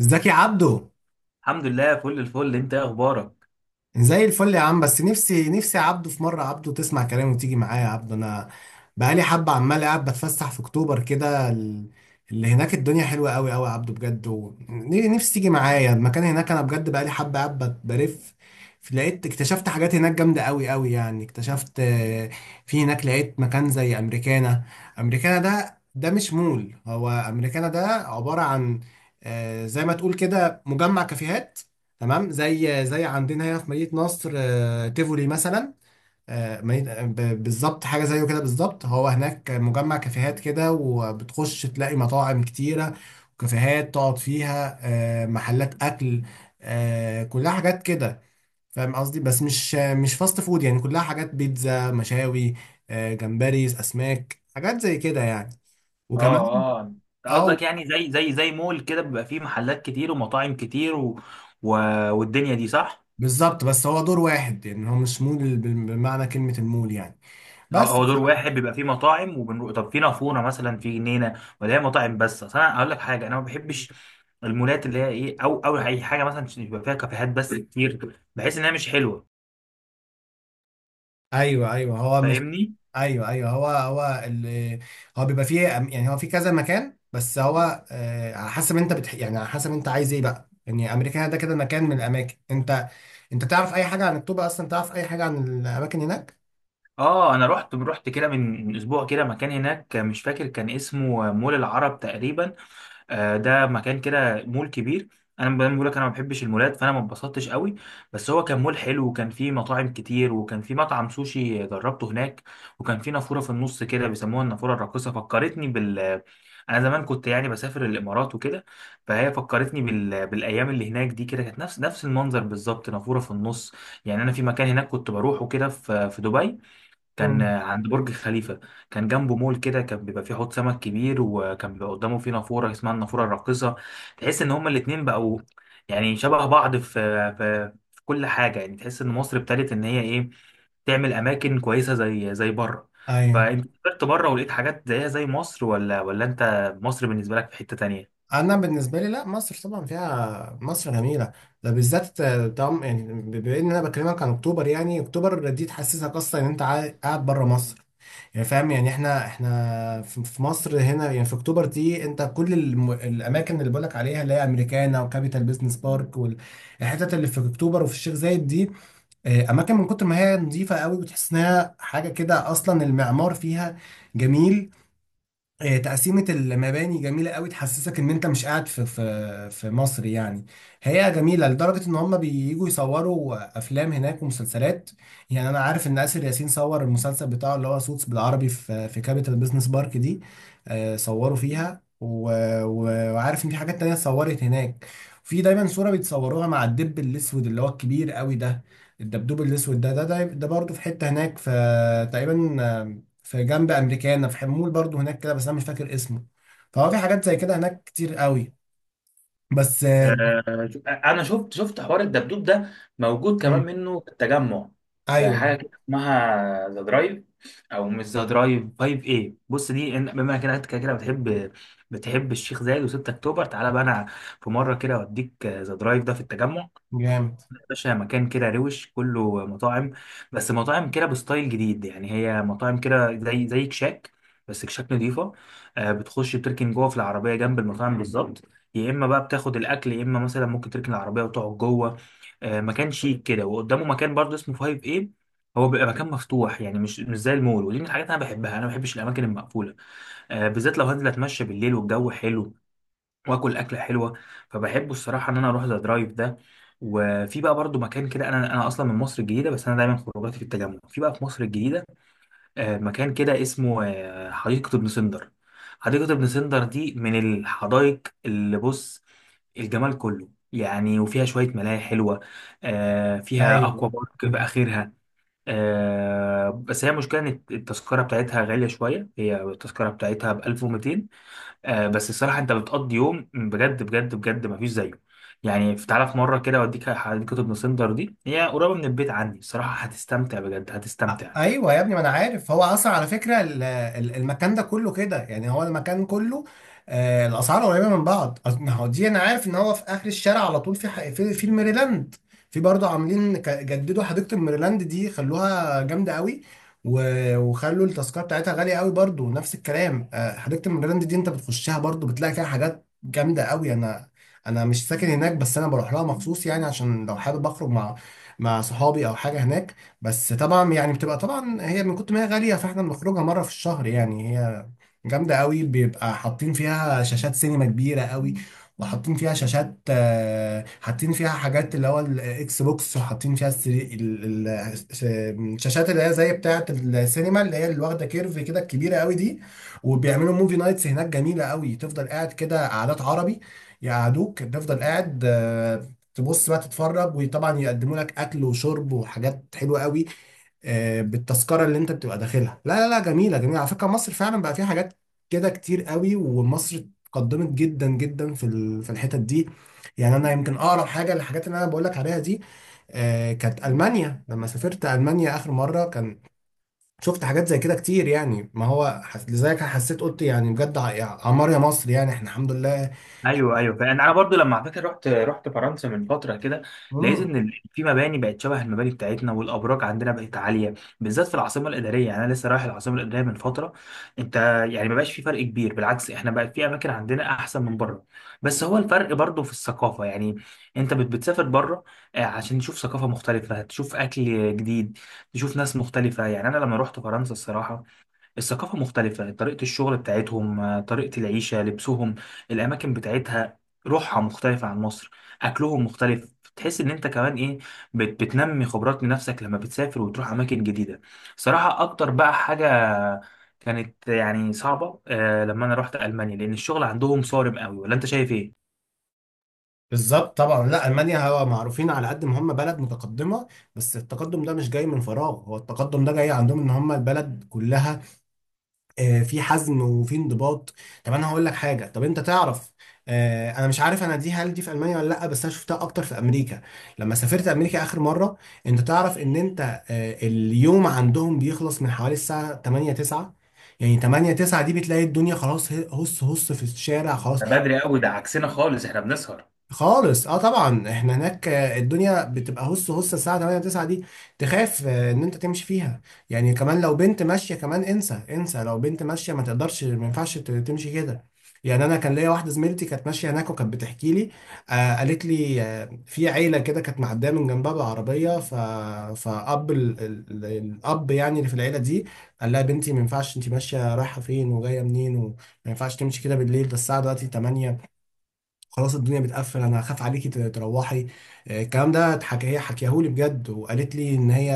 ازيك يا عبدو؟ الحمد لله فل الفل، انت ايه اخبارك؟ زي الفل يا عم. بس نفسي نفسي يا عبدو في مره عبدو تسمع كلامي وتيجي معايا يا عبدو. انا بقالي حبه عمال قاعد بتفسح في اكتوبر كده، اللي هناك الدنيا حلوه قوي قوي يا عبدو بجد، ونفسي تيجي معايا المكان هناك. انا بجد بقالي حبه قاعد بلف. اكتشفت حاجات هناك جامده قوي قوي، يعني اكتشفت، في هناك لقيت مكان زي امريكانا. امريكانا ده مش مول، هو امريكانا ده عباره عن، زي ما تقول كده، مجمع كافيهات. تمام، زي عندنا هنا في مدينة نصر، تيفولي مثلا. بالظبط حاجة زيه كده بالظبط. هو هناك مجمع كافيهات كده، وبتخش تلاقي مطاعم كتيرة وكافيهات تقعد فيها، محلات أكل، كلها حاجات كده. فاهم قصدي؟ بس مش فاست فود، يعني كلها حاجات بيتزا مشاوي، جمبري أسماك حاجات زي كده يعني. اه وكمان، اه، انت قصدك اه، يعني زي مول كده بيبقى فيه محلات كتير ومطاعم كتير و... والدنيا دي صح؟ بالظبط، بس هو دور واحد يعني، هو مش مول بمعنى كلمة المول يعني. اه، بس، هو دور واحد بيبقى فيه مطاعم، وبنروح طب في نافوره مثلا في جنينه ولا هي مطاعم بس؟ اصل انا اقول لك حاجه، انا ما بحبش المولات اللي هي ايه، او اي حاجه مثلا بيبقى فيها كافيهات بس كتير، بحس انها مش حلوه. ايوه، ايوه، هو مش... فاهمني؟ ايوه، ايوه، هو هو بيبقى فيه يعني هو في كذا مكان، بس هو على حسب انت يعني على حسب انت عايز ايه بقى. يعني امريكانا ده كده مكان من الاماكن. انت انت تعرف اي حاجه عن الطوبه اصلا؟ تعرف اي حاجه عن الاماكن هناك؟ اه، انا رحت كده من اسبوع كده مكان هناك، مش فاكر كان اسمه مول العرب تقريبا. آه، ده مكان كده مول كبير. انا بقول لك، انا ما بحبش المولات، فانا ما اتبسطتش قوي. بس هو كان مول حلو، وكان فيه مطاعم كتير، وكان فيه مطعم سوشي جربته هناك، وكان فيه نافوره في النص كده بيسموها النافوره الراقصه، فكرتني بال. انا زمان كنت يعني بسافر الامارات وكده، فهي فكرتني بالايام اللي هناك دي، كده كانت نفس المنظر بالظبط، نافوره في النص. يعني انا في مكان هناك كنت بروحه كده، في دبي، كان مم. عند برج خليفة، كان جنبه مول كده، كان بيبقى فيه حوض سمك كبير، وكان بيبقى قدامه فيه نافورة اسمها النافورة الراقصة. تحس ان هما الاتنين بقوا يعني شبه بعض في في كل حاجة. يعني تحس ان مصر ابتدت ان هي ايه، تعمل اماكن كويسة زي زي بره. ايوه. فانت سافرت بره ولقيت حاجات زيها زي مصر، ولا انت مصر بالنسبة لك في حتة تانية؟ انا بالنسبه لي، لا، مصر طبعا فيها، مصر جميله، ده بالذات. طبعا يعني بما ان انا بكلمك عن اكتوبر، يعني اكتوبر دي تحسسك اصلا ان انت قاعد بره مصر. يعني فاهم؟ يعني احنا في مصر هنا، يعني في اكتوبر دي انت كل الاماكن اللي بقولك عليها، اللي هي امريكانا وكابيتال بيزنس بارك والحتت اللي في اكتوبر وفي الشيخ زايد دي، اماكن من كتر ما هي نظيفه قوي بتحس انها حاجه كده، اصلا المعمار فيها جميل، تقسيمة المباني جميلة قوي، تحسسك ان انت مش قاعد في مصر يعني. هي جميلة لدرجة ان هم بييجوا يصوروا افلام هناك ومسلسلات. يعني انا عارف ان آسر ياسين صور المسلسل بتاعه اللي هو سوتس بالعربي في كابيتال بيزنس بارك دي، صوروا فيها وعارف ان في حاجات تانية اتصورت هناك. في دايما صورة بيتصوروها مع الدب الاسود اللي هو الكبير قوي ده، الدبدوب الاسود ده برضه في حتة هناك في، تقريبا في جنب امريكانا، في حمول برضو هناك كده، بس انا مش فاكر اسمه. فهو في حاجات زي كده هناك كتير قوي. بس، آه، انا شفت حوار الدبدوب ده، موجود كمان مم. منه في التجمع. في ايوه. حاجه كده اسمها ذا درايف، او مش ذا درايف، 5 ايه. بص، دي بما كده انت كده كده بتحب، بتحب الشيخ زايد و6 اكتوبر، تعالى بقى انا في مره كده اوديك ذا درايف ده في التجمع. جامد، باشا، مكان كده روش، كله مطاعم، بس مطاعم كده بستايل جديد. يعني هي مطاعم كده زي زي كشاك، بس كشاك نضيفة. آه، بتخش بتركن جوه في العربية جنب المطاعم بالظبط، يا إما بقى بتاخد الأكل يا إما مثلا ممكن تركن العربية وتقعد جوه. آه، مكان شيك كده، وقدامه مكان برضه اسمه 5 ايه. هو بيبقى مكان مفتوح، يعني مش زي المول. ودي من الحاجات انا بحبها، انا ما بحبش الاماكن المقفوله. آه، بالذات لو هنزل اتمشى بالليل والجو حلو، واكل اكله حلوه. فبحبه الصراحه ان انا اروح ذا درايف ده. وفي بقى برضو مكان كده، انا اصلا من مصر الجديده، بس انا دايما خروجاتي في التجمع، في بقى في مصر الجديده. آه، مكان كده اسمه، آه، حديقه ابن سندر. حديقه ابن سندر دي من الحدائق اللي بص، الجمال كله. يعني وفيها شوية ملاهي حلوة. آه، فيها ايوه. أكوا بارك في آخرها. آه، بس هي مشكلة إن التذكرة بتاعتها غالية شوية، هي التذكرة بتاعتها ب 1200. آه، بس الصراحه انت بتقضي يوم بجد بجد بجد، ما فيش زيه. يعني تعالى في مره كده اوديك حديقه ابن سندر دي، هي قريبه من البيت عندي. الصراحه هتستمتع بجد، هتستمتع. ايوه يا ابني، ما انا عارف، هو اصلا على فكره المكان ده كله كده، يعني هو المكان كله الاسعار قريبه من بعض. ما هو دي انا عارف ان هو في اخر الشارع على طول، في في الميريلاند. في برضه عاملين، جددوا حديقه الميريلاند دي، خلوها جامده قوي، وخلوا التذكره بتاعتها غاليه قوي برضه، نفس الكلام. حديقه الميريلاند دي انت بتخشها برضه بتلاقي فيها حاجات جامده قوي. انا مش ساكن هناك، بس انا بروح لها مخصوص، يعني عشان لو حابب اخرج مع مع صحابي او حاجه هناك. بس طبعا يعني بتبقى طبعا هي من كتر ما هي غالية، فاحنا بنخرجها مرة في الشهر. يعني هي جامدة قوي، بيبقى حاطين فيها شاشات سينما كبيرة قوي، وحاطين فيها شاشات، حاطين فيها حاجات اللي هو الاكس بوكس، وحاطين فيها الشاشات اللي هي زي بتاعة السينما، اللي هي اللي واخدة كيرف كده، الكبيرة قوي دي. وبيعملوا موفي نايتس هناك جميلة قوي، تفضل قاعد كده قعدات عربي، يقعدوك تفضل قاعد، تبص بقى تتفرج، وطبعا يقدموا لك اكل وشرب وحاجات حلوه قوي، بالتذكره اللي انت بتبقى داخلها. لا، لا، لا، جميله جميله على فكره. مصر فعلا بقى فيها حاجات كده كتير قوي، ومصر اتقدمت جدا جدا في الحتت دي. يعني انا يمكن اقرب حاجه للحاجات اللي انا بقول لك عليها دي، كانت المانيا. لما سافرت المانيا اخر مره، كان شفت حاجات زي كده كتير، يعني ما هو لذلك حسيت قلت يعني بجد، يا عمار يا مصر، يعني احنا الحمد لله. ايوه ايوه، فانا انا برضو لما، على فكره، رحت فرنسا من فتره كده، لقيت ان في مباني بقت شبه المباني بتاعتنا، والابراج عندنا بقت عاليه، بالذات في العاصمه الاداريه. يعني انا لسه رايح العاصمه الاداريه من فتره، انت. يعني ما بقاش في فرق كبير، بالعكس احنا بقى في اماكن عندنا احسن من بره. بس هو الفرق برضو في الثقافه. يعني انت بتسافر بره، آه، عشان تشوف ثقافه مختلفه، تشوف اكل جديد، تشوف ناس مختلفه. يعني انا لما رحت فرنسا، الصراحه الثقافة مختلفة، طريقة الشغل بتاعتهم، آه، طريقة العيشة، لبسهم، الأماكن بتاعتها، روحها مختلفة عن مصر، أكلهم مختلف. تحس إن أنت كمان إيه، بتنمي خبرات لنفسك لما بتسافر وتروح أماكن جديدة. صراحة أكتر بقى حاجة كانت يعني صعبة، آه، لما أنا رحت ألمانيا، لأن الشغل عندهم صارم قوي. ولا أنت شايف إيه؟ بالظبط طبعا. لا، المانيا هو معروفين على قد ما هم بلد متقدمه، بس التقدم ده مش جاي من فراغ، هو التقدم ده جاي عندهم ان هم البلد كلها، في حزم وفي انضباط. طب انا هقول لك حاجه، طب انت تعرف، انا مش عارف انا دي، هل دي في المانيا ولا لا، بس انا شفتها اكتر في امريكا، لما سافرت امريكا اخر مره. انت تعرف ان انت اليوم عندهم بيخلص من حوالي الساعه 8 9، يعني 8 9 دي بتلاقي الدنيا خلاص، هص هص في الشارع خلاص. ده بدري قوي، ده عكسنا خالص، احنا بنسهر. خالص اه طبعا. احنا هناك الدنيا بتبقى هص هص الساعه 8 9 دي، تخاف ان انت تمشي فيها. يعني كمان لو بنت ماشيه كمان انسى انسى، لو بنت ماشيه ما تقدرش، ما ينفعش تمشي كده. يعني انا كان ليا واحده زميلتي كانت ماشيه هناك، وكانت بتحكي لي، قالت لي، في عيله كده كانت معديه من جنبها بالعربيه، ف الاب يعني اللي في العيله دي قال لها: بنتي، ما ينفعش انت ماشيه رايحه فين وجايه منين، وما ينفعش تمشي كده بالليل، ده الساعه دلوقتي 8 خلاص، الدنيا بتقفل، انا هخاف عليكي تروحي. الكلام ده اتحكى، هي حكيهولي بجد، وقالت لي ان هي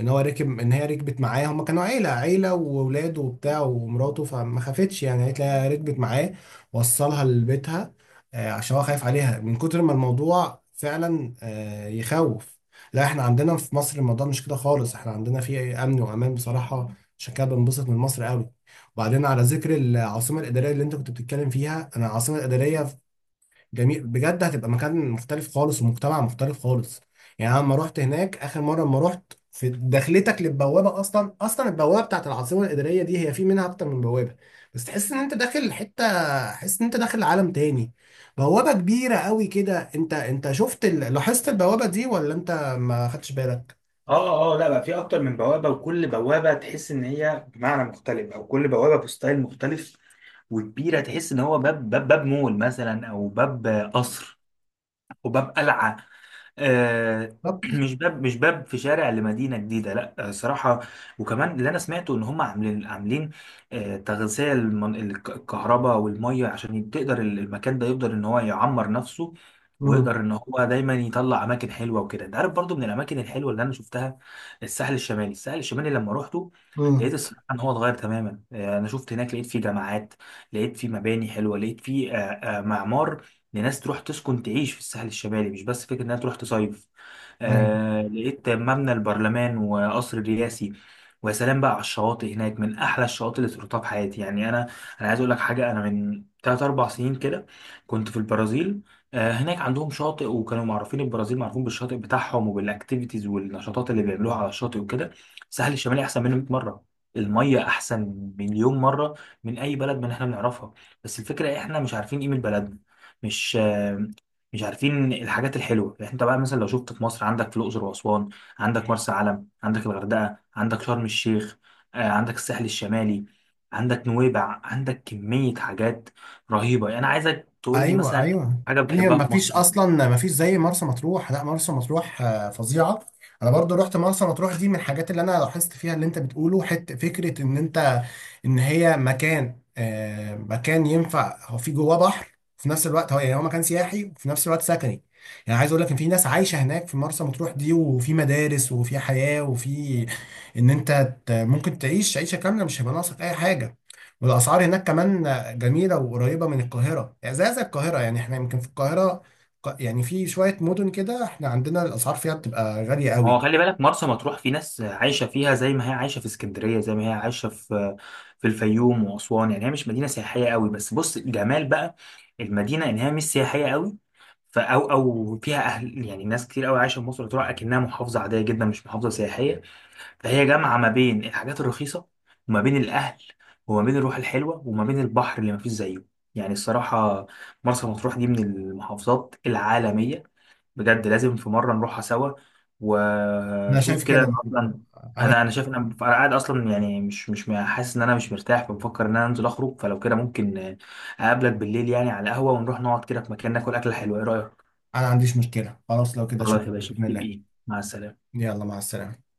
ان هو راكب ان هي ركبت معاه، هما كانوا عيله واولاده وبتاع ومراته، فما خافتش، يعني قالت لي ركبت معاه، وصلها لبيتها، عشان هو خايف عليها من كتر ما الموضوع فعلا، يخوف. لا، احنا عندنا في مصر الموضوع مش كده خالص، احنا عندنا فيه امن وامان بصراحه، عشان كده بنبسط من مصر قوي. وبعدين على ذكر العاصمه الاداريه اللي انت كنت بتتكلم فيها، انا العاصمه الاداريه جميل بجد، هتبقى مكان مختلف خالص ومجتمع مختلف خالص. يعني انا لما رحت هناك اخر مره، لما رحت في دخلتك للبوابه، اصلا البوابه بتاعت العاصمه الاداريه دي هي في منها اكتر من بوابه، بس تحس ان انت داخل حته، تحس ان انت داخل عالم تاني. بوابه كبيره قوي كده، انت شفت لاحظت البوابه دي ولا انت ما خدتش بالك؟ اه اه، لا بقى في اكتر من بوابه، وكل بوابه تحس ان هي بمعنى مختلف، او كل بوابه بستايل مختلف وكبيره. تحس ان هو باب، باب مول مثلا، او باب قصر، او باب قلعه. آه، بالظبط. مش باب، مش باب في شارع لمدينه جديده، لا. آه، صراحه. وكمان اللي انا سمعته ان هم عاملين، آه، تغذيه الكهرباء والميه، عشان تقدر المكان ده يقدر ان هو يعمر نفسه، امم، ويقدر ان هو دايما يطلع اماكن حلوه وكده. انت عارف برضو من الاماكن الحلوه اللي انا شفتها، الساحل الشمالي. الساحل الشمالي لما روحته، لقيت الصراحه ان هو اتغير تماما. آه، انا شفت هناك، لقيت فيه جامعات، لقيت فيه مباني حلوه، لقيت فيه، آه، آه، معمار. ان ناس تروح تسكن تعيش في الساحل الشمالي، مش بس فكره انها تروح تصيف. امم، آه، لقيت مبنى البرلمان وقصر الرئاسي. ويا سلام بقى على الشواطئ هناك، من احلى الشواطئ اللي زرتها في حياتي. يعني انا، انا عايز اقول لك حاجه، انا من 3 4 سنين كده كنت في البرازيل. آه، هناك عندهم شاطئ، وكانوا معروفين البرازيل، معروفين بالشاطئ بتاعهم وبالاكتيفيتيز والنشاطات اللي بيعملوها على الشاطئ وكده. الساحل الشمالي احسن منه 100 مره، المية أحسن، مليون مرة، من أي بلد من إحنا بنعرفها. بس الفكرة إيه، إحنا مش عارفين قيمة بلدنا، مش مش عارفين الحاجات الحلوه. يعني انت بقى مثلا لو شفت في مصر، عندك في الاقصر واسوان، عندك مرسى علم، عندك الغردقه، عندك شرم الشيخ، آه، عندك الساحل الشمالي، عندك نويبع، عندك كميه حاجات رهيبه. يعني انا عايزك تقول لي ايوه، مثلا ايوه. حاجه يعني بتحبها ما في فيش مصر. اصلا، ما فيش زي مرسى مطروح. لا، مرسى مطروح فظيعه. انا برضو رحت مرسى مطروح دي، من الحاجات اللي انا لاحظت فيها اللي انت بتقوله، حته فكره ان انت ان هي مكان، مكان ينفع، هو في جواه بحر في نفس الوقت، هو يعني هو مكان سياحي وفي نفس الوقت سكني. يعني عايز اقول لك ان في ناس عايشه هناك في مرسى مطروح دي، وفي مدارس وفي حياه، وفي ان انت ممكن تعيش عيشه كامله، مش هيبقى ناقصك اي حاجه. والاسعار هناك كمان جميلة وقريبة من القاهرة، يعني زي القاهرة. يعني احنا يمكن في القاهرة، يعني في شوية مدن كده احنا عندنا الأسعار فيها بتبقى غالية هو قوي. خلي بالك، مرسى مطروح في ناس عايشة فيها زي ما هي عايشة في اسكندرية، زي ما هي عايشة في في الفيوم وأسوان. يعني هي مش مدينة سياحية قوي، بس بص الجمال بقى المدينة، إن هي مش سياحية قوي، فأو فيها أهل. يعني ناس كتير قوي عايشة في مصر تروح أكنها محافظة عادية جدا، مش محافظة سياحية. فهي جامعة ما بين الحاجات الرخيصة، وما بين الأهل، وما بين الروح الحلوة، وما بين البحر اللي مفيش زيه. يعني الصراحة، مرسى مطروح دي من المحافظات العالمية بجد. لازم في مرة نروحها سوا، أنا وشوف شايف كده. كده أنا برضو. أصلا، أنا أنا شايف إن أنا قاعد أصلا، يعني مش حاسس إن أنا مش مرتاح، فبفكر إن أنا أنزل أخرج. فلو كده ممكن أقابلك بالليل يعني على القهوة، ونروح نقعد كده في مكان ناكل أكلة حلوة، إيه رأيك؟ أنا ما عنديش مشكلة خلاص، لو كده شوف خلاص يا باشا، بإذن في الله. بإيه، مع السلامة. يلا مع السلامة.